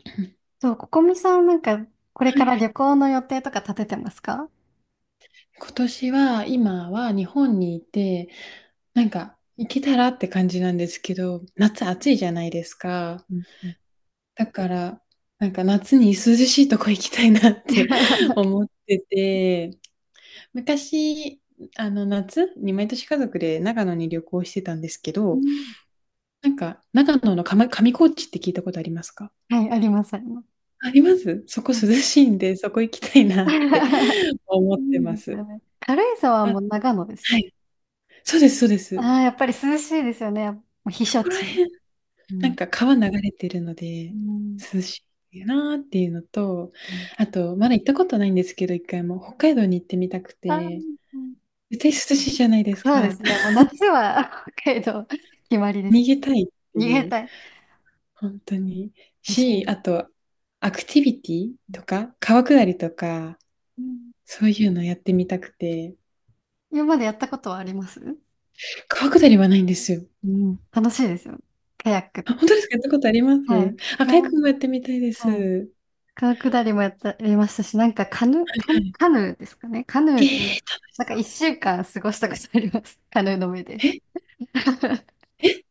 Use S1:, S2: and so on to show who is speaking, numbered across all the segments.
S1: は
S2: そう、ここみさんなんか、これか
S1: い
S2: ら
S1: は
S2: 旅
S1: い
S2: 行の予定とか立ててますか？
S1: 今年は、今は日本にいて、なんか行けたらって感じなんですけど、夏暑いじゃないですか。
S2: うんうん
S1: だから、なんか夏に涼しいとこ行きたいなって 思ってて、昔、夏に毎年家族で長野に旅行してたんですけ
S2: う
S1: ど、
S2: ん。
S1: なんか長野の上、上高地って聞いたことありますか？
S2: はい、あります、あります。
S1: あります。そこ
S2: はい。
S1: 涼しいんで、そこ行きたいなって 思 っ
S2: い
S1: てま
S2: いですよ
S1: す。
S2: ね。軽井沢はも
S1: あ、
S2: う長野で
S1: は
S2: す。
S1: い。そうです、そうです。
S2: ああ、やっぱり涼しいですよね。もう避
S1: そ
S2: 暑
S1: こら、
S2: 地。う
S1: な
S2: ん
S1: んか川流れてるの
S2: う
S1: で
S2: ん
S1: 涼しいなーっていうのと、
S2: うん。
S1: あと、まだ行ったことないんですけど、一回も北海道に行ってみたく
S2: あー。
S1: て、
S2: うん。
S1: 絶対涼しいじゃないです
S2: そうで
S1: か。
S2: すね。もう 夏は 北海道決まりです。
S1: 逃げたいって
S2: 逃げ
S1: いう、
S2: たい。
S1: 本当に。
S2: 私も。
S1: あと、アクティビティとか、川下りとか、
S2: うん。
S1: そういうのやってみたくて、
S2: 今までやったことはあります？
S1: 川下りはないんですよ。
S2: うん、楽しいですよ。カヤック
S1: あ、
S2: と。
S1: 本当ですか？やったことありま
S2: は
S1: す？
S2: い。
S1: あ、
S2: う
S1: カヤッ
S2: ん。
S1: クもやってみたいで
S2: はい。
S1: す。
S2: 川下りもやった、やりましたし、なんかカヌ、
S1: は
S2: カヌ、
S1: い。
S2: カヌーですかね。カヌ
S1: えー
S2: ーで、な
S1: 楽し
S2: んか一
S1: そ
S2: 週間過ごしたことあります。カヌーの上で。
S1: う。ええ。え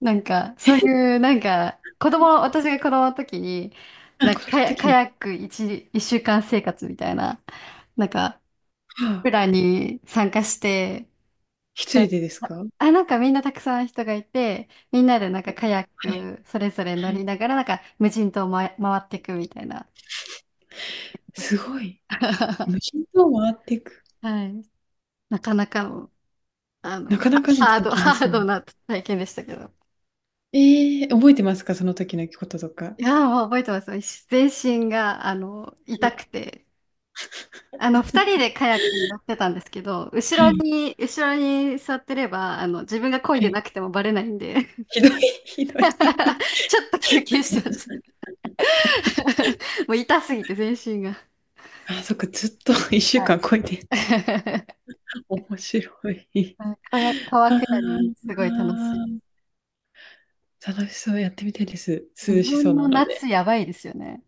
S2: なんか、そういう、なんか、子供、私が子供の時に、
S1: あ、
S2: なん
S1: 子
S2: か
S1: 供
S2: カ
S1: の
S2: ヤ、
S1: 時
S2: カ
S1: に。
S2: ヤック一週間生活みたいな、なんか、
S1: は
S2: プ
S1: あ。
S2: ランに参加して、
S1: 一
S2: カヤッ
S1: 人
S2: ク。
S1: でですか？
S2: あ、なんかみんなたくさん人がいて、みんなでなんか
S1: え、
S2: カヤッ
S1: はい、
S2: クそれぞれ
S1: は
S2: 乗り
S1: い。
S2: ながら、なんか無人島をま、回っていくみたいなことし
S1: す
S2: て。
S1: ごい。無 人島を回っていく。
S2: はい。なかなかの、あ
S1: な
S2: の、
S1: かなかの
S2: ハー
S1: 体
S2: ド、
S1: 験で
S2: ハ
S1: す
S2: ー
S1: よね。
S2: ドな体験でしたけど。
S1: ええ、覚えてますか？その時のこととか。
S2: いやー、もう覚えてます。全身が、あの、痛くて。あの、2人でカヤックに乗ってたんですけど、
S1: は
S2: 後ろ
S1: い、
S2: に、後ろに座ってれば、あの、自分が漕い
S1: は
S2: で
S1: い。
S2: なくてもバレないんで、
S1: ひどい、ひどい。
S2: ちょっと休憩してました。もう痛すぎて、全身が。
S1: あ、そっか、ずっと1週
S2: はい。
S1: 間こいで、面白い。
S2: うん、川川
S1: ああ、
S2: 下り、すごい楽し
S1: 楽しそう、やってみたいです。
S2: い。
S1: 涼
S2: 日
S1: しそ
S2: 本
S1: うな
S2: の
S1: ので。
S2: 夏やばいですよね。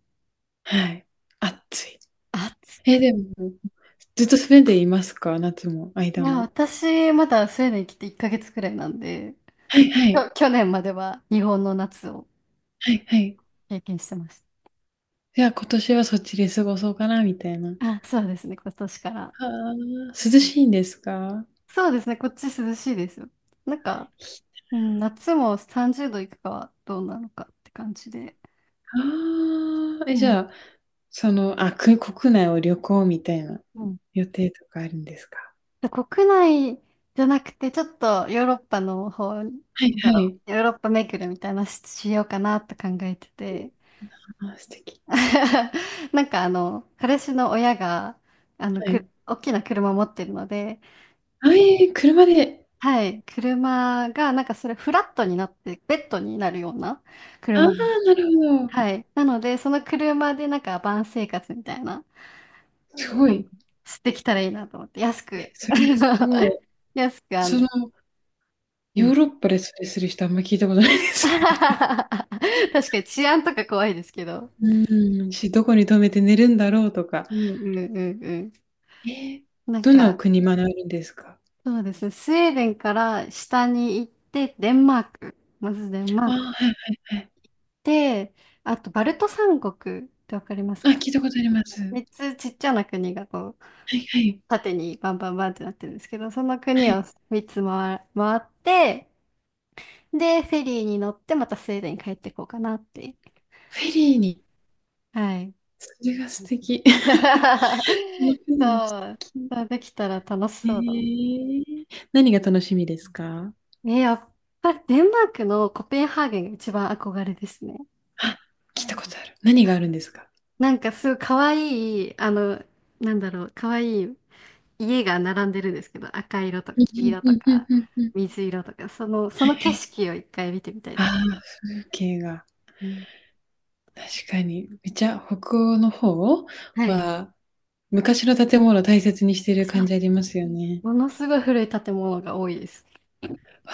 S1: はい。暑い。
S2: 暑
S1: え、でも、ずっとスウェーデンいますか？夏も、
S2: い。い
S1: 間
S2: や、
S1: も。
S2: 私、まだスウェーデン来て1ヶ月くらいなんで、
S1: はいはい。
S2: 去年までは日本の夏を
S1: はいはい。
S2: 経験してまし
S1: いや、今年はそっちで過ごそうかな、みたいな。
S2: た。あ、そうですね、今年から。
S1: あー涼しいんですか？あ
S2: そうですね、こっち涼しいですよ。なんか、うん、夏も30度いくかはどうなのかって感じで。
S1: あ、
S2: う
S1: え、じゃ
S2: ん。
S1: あ、く国内を旅行みたいな
S2: うん。
S1: 予定とかあるんですか？
S2: で、国内じゃなくて、ちょっとヨーロッパの方、なん
S1: はいは
S2: だろ
S1: い。
S2: う、ヨーロッパ巡るみたいなしようかなって考えてて。
S1: あー、素敵。
S2: なんかあの、彼氏の親が、あの、
S1: は
S2: く、
S1: い。
S2: 大きな車持ってるので、
S1: あ、えー車で。
S2: はい。車が、なんかそれフラットになって、ベッドになるような
S1: ああ、
S2: 車なの。
S1: なるほど。
S2: はい。なので、その車でなんかバン生活みたいな、
S1: すご
S2: あの、
S1: い。
S2: してきたらいいなと思って、安
S1: え、
S2: く、
S1: それもすご い。
S2: 安く、あ
S1: そ
S2: の、
S1: の、
S2: う
S1: ヨ
S2: ん。
S1: ーロッパでそれする人あんま聞いたことないで す。
S2: 確かに治安とか怖いですけど。
S1: うん、どこに泊めて寝るんだろうとか。
S2: うんうんうんうん。
S1: えー、
S2: なん
S1: どんなお
S2: か、
S1: 国学ぶんですか？
S2: そうですね。スウェーデンから下に行って、デンマーク。まずデンマー
S1: あ
S2: ク。
S1: あー、はいはいはい。
S2: で、あと、バルト三国ってわかります
S1: あ、
S2: か？
S1: 聞いたことあります。は
S2: 3つちっちゃな国がこう、
S1: いはい。
S2: 縦にバンバンバンってなってるんですけど、その
S1: は
S2: 国を
S1: い。
S2: 3つ回って、で、フェリーに乗ってまたスウェーデンに帰ってこうかなって。
S1: フェリーに。
S2: はい。
S1: それが素敵。そのフ ェリーも素
S2: そう。
S1: 敵。
S2: そうできたら楽しそうだな。
S1: ええ。何が楽しみですか？
S2: ね、やっぱりデンマークのコペンハーゲンが一番憧れですね。
S1: あ、聞いたことある。何
S2: は
S1: がある
S2: い。
S1: んですか？
S2: なんかすごい可愛い、あの、なんだろう、可愛い家が並んでるんですけど、赤色と
S1: う
S2: か黄
S1: ん
S2: 色
S1: うん
S2: と
S1: うんうん
S2: か
S1: うんうん。
S2: 水色とか、その、そ
S1: は
S2: の
S1: いは
S2: 景
S1: い。
S2: 色を一回見てみたい
S1: あ
S2: です。
S1: あ、風景が。
S2: うん。
S1: 確かに。めっちゃ北欧の方
S2: はい。
S1: は、昔の建物を大切にしている
S2: そ
S1: 感
S2: う。
S1: じありますよね。
S2: ものすごい古い建物が多いです。
S1: わ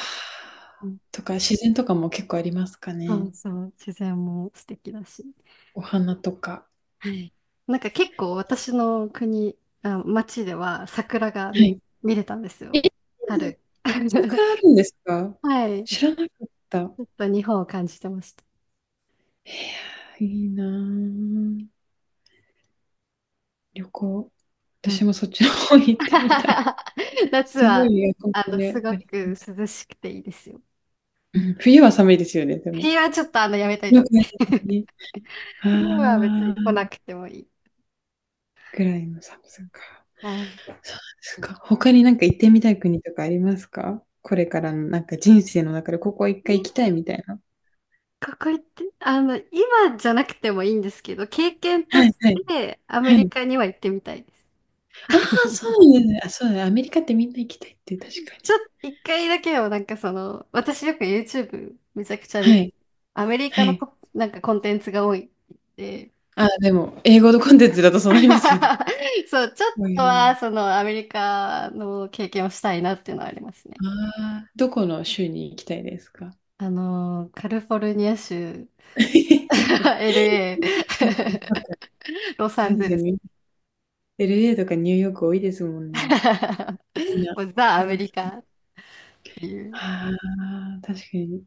S2: う
S1: あ。
S2: ん、
S1: とか、自然とかも結構ありますか
S2: そ
S1: ね？
S2: うそう、自然も素敵だし。
S1: お花とか。
S2: はい。なんか結構私の国、あ、町では桜が
S1: は
S2: 見、
S1: い。
S2: 見れたんですよ。
S1: え、
S2: 春。
S1: そこか らあるんですか？
S2: はい。ち
S1: 知らなかった。
S2: ょっと日本を感じてました。
S1: いやー、いいなー旅行。
S2: う
S1: 私
S2: ん。
S1: もそっちの方行ってみたい。
S2: 夏
S1: すご
S2: は、
S1: いエアコ
S2: あ
S1: ン
S2: の、す
S1: で
S2: ご
S1: ありま
S2: く
S1: す。
S2: 涼しくていいですよ。
S1: うん、冬は寒いですよね、でも。
S2: 冬はちょっとあの、やめとい
S1: そ
S2: た
S1: の
S2: 方
S1: く
S2: がいい。
S1: ありますね。
S2: 冬は別
S1: あ
S2: に来
S1: あ、
S2: なくてもいい。
S1: ぐらいの寒さか。
S2: はい。
S1: そうですか。他になんか行ってみたい国とかありますか？これからのなんか人生の中でここ一回行きたいみたいな。
S2: 学校行って、あの、今じゃなくてもいいんですけど、経験と
S1: は
S2: し
S1: いはい。
S2: てアメ
S1: は
S2: リ
S1: い。
S2: カには行ってみたいです。
S1: ああ、そうなんですね。あ、そうだね。アメリカってみんな行きたいって確か
S2: ち
S1: に。
S2: ょっと1回だけをなんかその、私よく YouTube めちゃくちゃ見、
S1: はい。
S2: アメリ
S1: は
S2: カの
S1: い。
S2: こなんかコンテンツが多いで、
S1: ああ、でも、英語のコンテンツだとそうなりますよね。
S2: そう、ちょっ
S1: う
S2: と
S1: ん。
S2: はそのアメリカの経験をしたいなっていうのはありますね。
S1: ああ、どこの州に行きたいですか？
S2: カリフォルニア州、
S1: や っぱなんか、
S2: LA、ロサ
S1: 確
S2: ンゼ
S1: か
S2: ルス
S1: に LA とかニューヨーク多いですもんね。みん な、
S2: もうザ・
S1: そ
S2: ア
S1: ん
S2: メ
S1: な感
S2: リ
S1: じ。
S2: カっていう。
S1: ああ、確かに。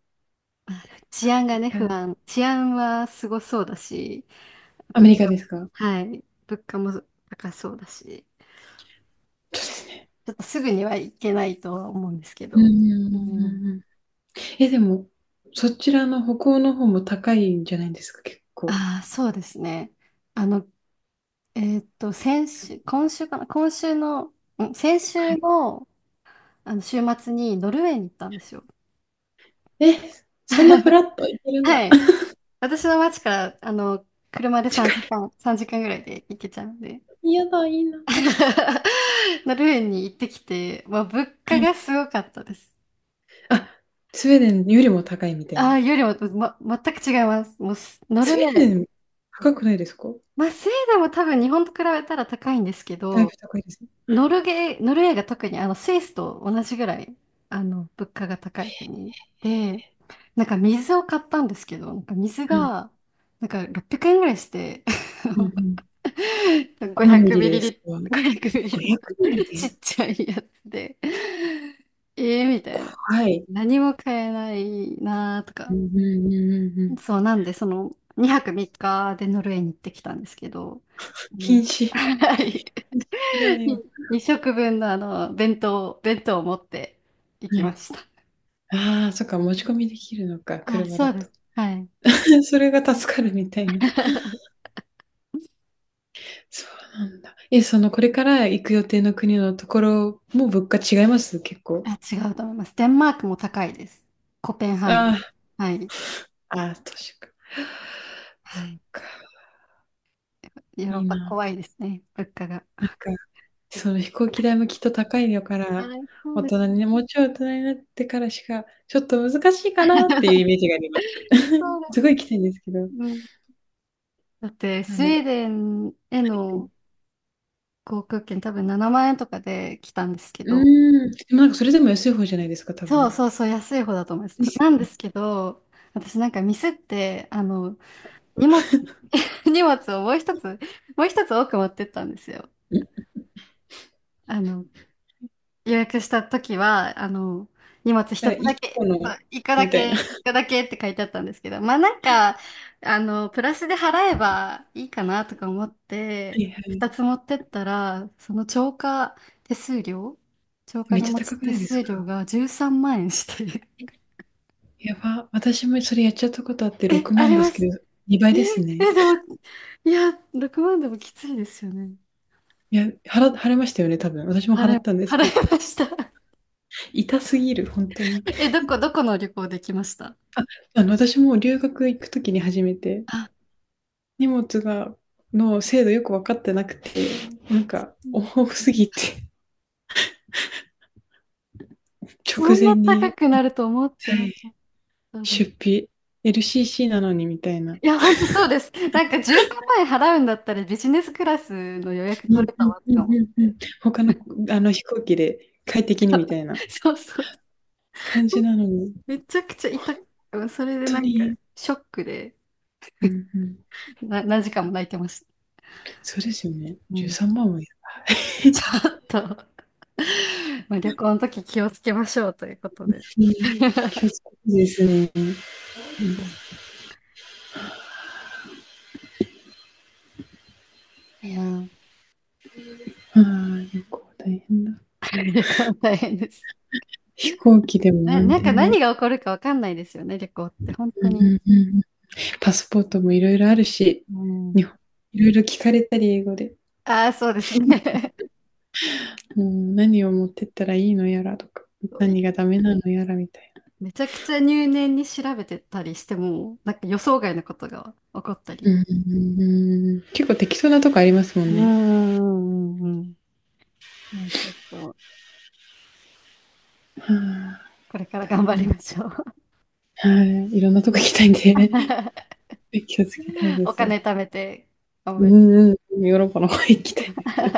S2: 治
S1: ア
S2: 安
S1: メ
S2: が
S1: リ
S2: ね、不
S1: カ
S2: 安。治安はすごそうだし、
S1: アメ
S2: 物
S1: リカですか？そう
S2: 価、はい、物価も高そうだし、
S1: ですね。
S2: ちょっとすぐには行けないとは思うんですけ
S1: うんう
S2: ど。
S1: んう
S2: う
S1: ん
S2: ん。
S1: うんうん。え、でも、そちらの北欧の方も高いんじゃないですか？結構。
S2: ああ、そうですね。あの、先週、今週かな、今週の、うん、先
S1: は
S2: 週
S1: い。
S2: の、あの週末にノルウェーに行ったんですよ。
S1: え、そんなフ ラッと行けるん
S2: は
S1: だ。
S2: い。私の町から、あの、車で3
S1: 近
S2: 時間、3時間ぐらいで行けちゃうんで。
S1: い。やだ、いいな。は
S2: ノルウェーに行ってきて、まあ、物価
S1: い。
S2: がすごかったです。
S1: あ、スウェーデンよりも高いみたい
S2: あ
S1: な。
S2: あ、よりも、ま、全く違います。もうす、ノ
S1: ス
S2: ルウェ
S1: ウェー
S2: ー、
S1: デン、高くないですか？
S2: まあ、スウェーデンも多分日本と比べたら高いんですけ
S1: だいぶ
S2: ど、
S1: 高いです。
S2: ノルウェーが特にあのスイスと同じぐらい、あの、物価が高い国で、なんか水を買ったんですけど、なんか水
S1: はい。
S2: が、なんか600円ぐらいして、
S1: うんうん。何ミ
S2: 500
S1: リ
S2: ミ
S1: で
S2: リ
S1: です
S2: リッ
S1: か
S2: トル、500ミリリット
S1: ？500ミリ
S2: ルち
S1: で？
S2: っちゃいやつで、えー、みたい
S1: 怖
S2: な。
S1: い。
S2: 何も買えないなーと
S1: う
S2: か。
S1: んうんうんうんうん。
S2: そうなんで、その2泊3日でノルウェーに行ってきたんですけど、
S1: 禁
S2: も
S1: 止
S2: う はい。
S1: 禁止だよ。
S2: 2食分のあの、弁当を持って行
S1: は
S2: きま
S1: い。
S2: した。
S1: ああ、そっか、持ち込みできるのか、
S2: あ、
S1: 車
S2: そ
S1: だ
S2: うで
S1: と。
S2: す。はい。
S1: それが助かるみたいな。そうなんだ。え、そのこれから行く予定の国のところも物価違います？結構。
S2: あ、違うと思います。デンマークも高いです。コペンハーゲン。
S1: あ
S2: はい。
S1: あ、ああ、都か。
S2: は
S1: そっ
S2: い。
S1: か、
S2: ヨーロ
S1: い
S2: ッ
S1: い
S2: パ
S1: な。
S2: 怖いですね。物価が。
S1: なんか、その飛行機代もきっと高いよから、
S2: はい、そう
S1: 大
S2: です
S1: 人
S2: ね。
S1: にね、もうちょい大人になってからしか、ちょっと難しいかなっていうイメージがあります。
S2: そ うで
S1: すごいきたいんですけど、
S2: す。うん。だって、
S1: あ
S2: スウ
S1: の
S2: ェーデンへの航空券多分7万円とかで来たんですけ
S1: う
S2: ど、
S1: ーん、でもなんかそれでも安い方じゃないですか、多
S2: そう
S1: 分。
S2: そうそう、安い方だと思います。
S1: です
S2: なん
S1: よ
S2: で
S1: ね。
S2: すけど、私なんかミスって、あの、荷物、荷物をもう一つ多く持ってったんですよ。
S1: うん。
S2: あの、予約した時は、あの、荷物一つ
S1: 1
S2: だけ、
S1: 個
S2: そ
S1: の
S2: う一個だ
S1: みたい
S2: け、
S1: な。は
S2: 一個だけって書いてあったんですけど、まあなんか、あの、プラスで払えばいいかなとか思って、
S1: いはい。
S2: 2つ持ってったら、その超過手数料、超過
S1: めっ
S2: 荷
S1: ちゃ
S2: 物
S1: 高く
S2: 手
S1: ないです
S2: 数料
S1: か？
S2: が13万円して、
S1: やば、私もそれやっちゃったことあって
S2: え、
S1: 6
S2: あ
S1: 万
S2: り
S1: で
S2: ま
S1: すけ
S2: す。
S1: ど、2倍
S2: え、
S1: ですね。
S2: でも、いや、6万でもきついですよね。
S1: いや、払いましたよね、多分。私も払
S2: 払
S1: っ
S2: え、
S1: たんです
S2: 払
S1: けど、
S2: いました。
S1: 痛すぎる、本当に。
S2: え、どこの旅行で来ました？
S1: あ、あの、私も留学行くときに初めて、
S2: あ、
S1: 荷物が、の精度よく分かってなくて、なんか、多すぎて、
S2: そ
S1: 直
S2: んな
S1: 前
S2: 高
S1: に、
S2: くなると思って
S1: は
S2: なか
S1: い
S2: ったで
S1: 出
S2: す。
S1: 費、LCC なのにみたいな。
S2: いや、ほんとそうです。なんか13万円払うんだったらビジネスクラスの予約
S1: う
S2: 取
S1: ん
S2: れ
S1: う
S2: た
S1: ん
S2: わと
S1: う
S2: か思
S1: ん
S2: っ
S1: うんう
S2: て。
S1: ん。他の、あの飛行機で快適にみたいな
S2: そうそう。
S1: 感じなのに、
S2: めちゃくちゃ痛く、それで
S1: 本
S2: な
S1: 当
S2: んか
S1: に、
S2: ショックで
S1: うんうん。
S2: 何時間も泣いてました。
S1: そうですよね。
S2: うん。
S1: 13万もやる。
S2: ちょっと、まあ、旅行の時気をつけましょうということで。
S1: うん、気をつ けてですね。
S2: うん。いやー、
S1: ああ、旅行大変だ。
S2: 旅行大変です。
S1: 飛行機でも
S2: な、
S1: 何
S2: なん
S1: で
S2: か
S1: も。
S2: 何が起こるかわかんないですよね、旅行って。本当
S1: うん
S2: に。
S1: うんうん、パスポートもいろいろあるし、
S2: う
S1: 日
S2: ん。
S1: 本いろいろ聞かれたり英語で、
S2: ああ、そうですね。
S1: うん、何を持ってったらいいのやらとか、
S2: そうい、
S1: 何がダメなのやらみたい
S2: めちゃくちゃ入念に調べてたりしても、なんか予想外のことが起こった
S1: な。
S2: り。
S1: うん、結構適当なとこありますも
S2: うー
S1: んね。
S2: ん、うんうん、もうちょっと、
S1: はあ、
S2: これから頑張
S1: 大
S2: りましょう。
S1: 変はい、いろんなとこ行きたいんで 気をつけたいで
S2: お
S1: すわ。
S2: 金貯めて、頑
S1: う
S2: 張り。
S1: んうん、ヨーロッパの方行きたいです。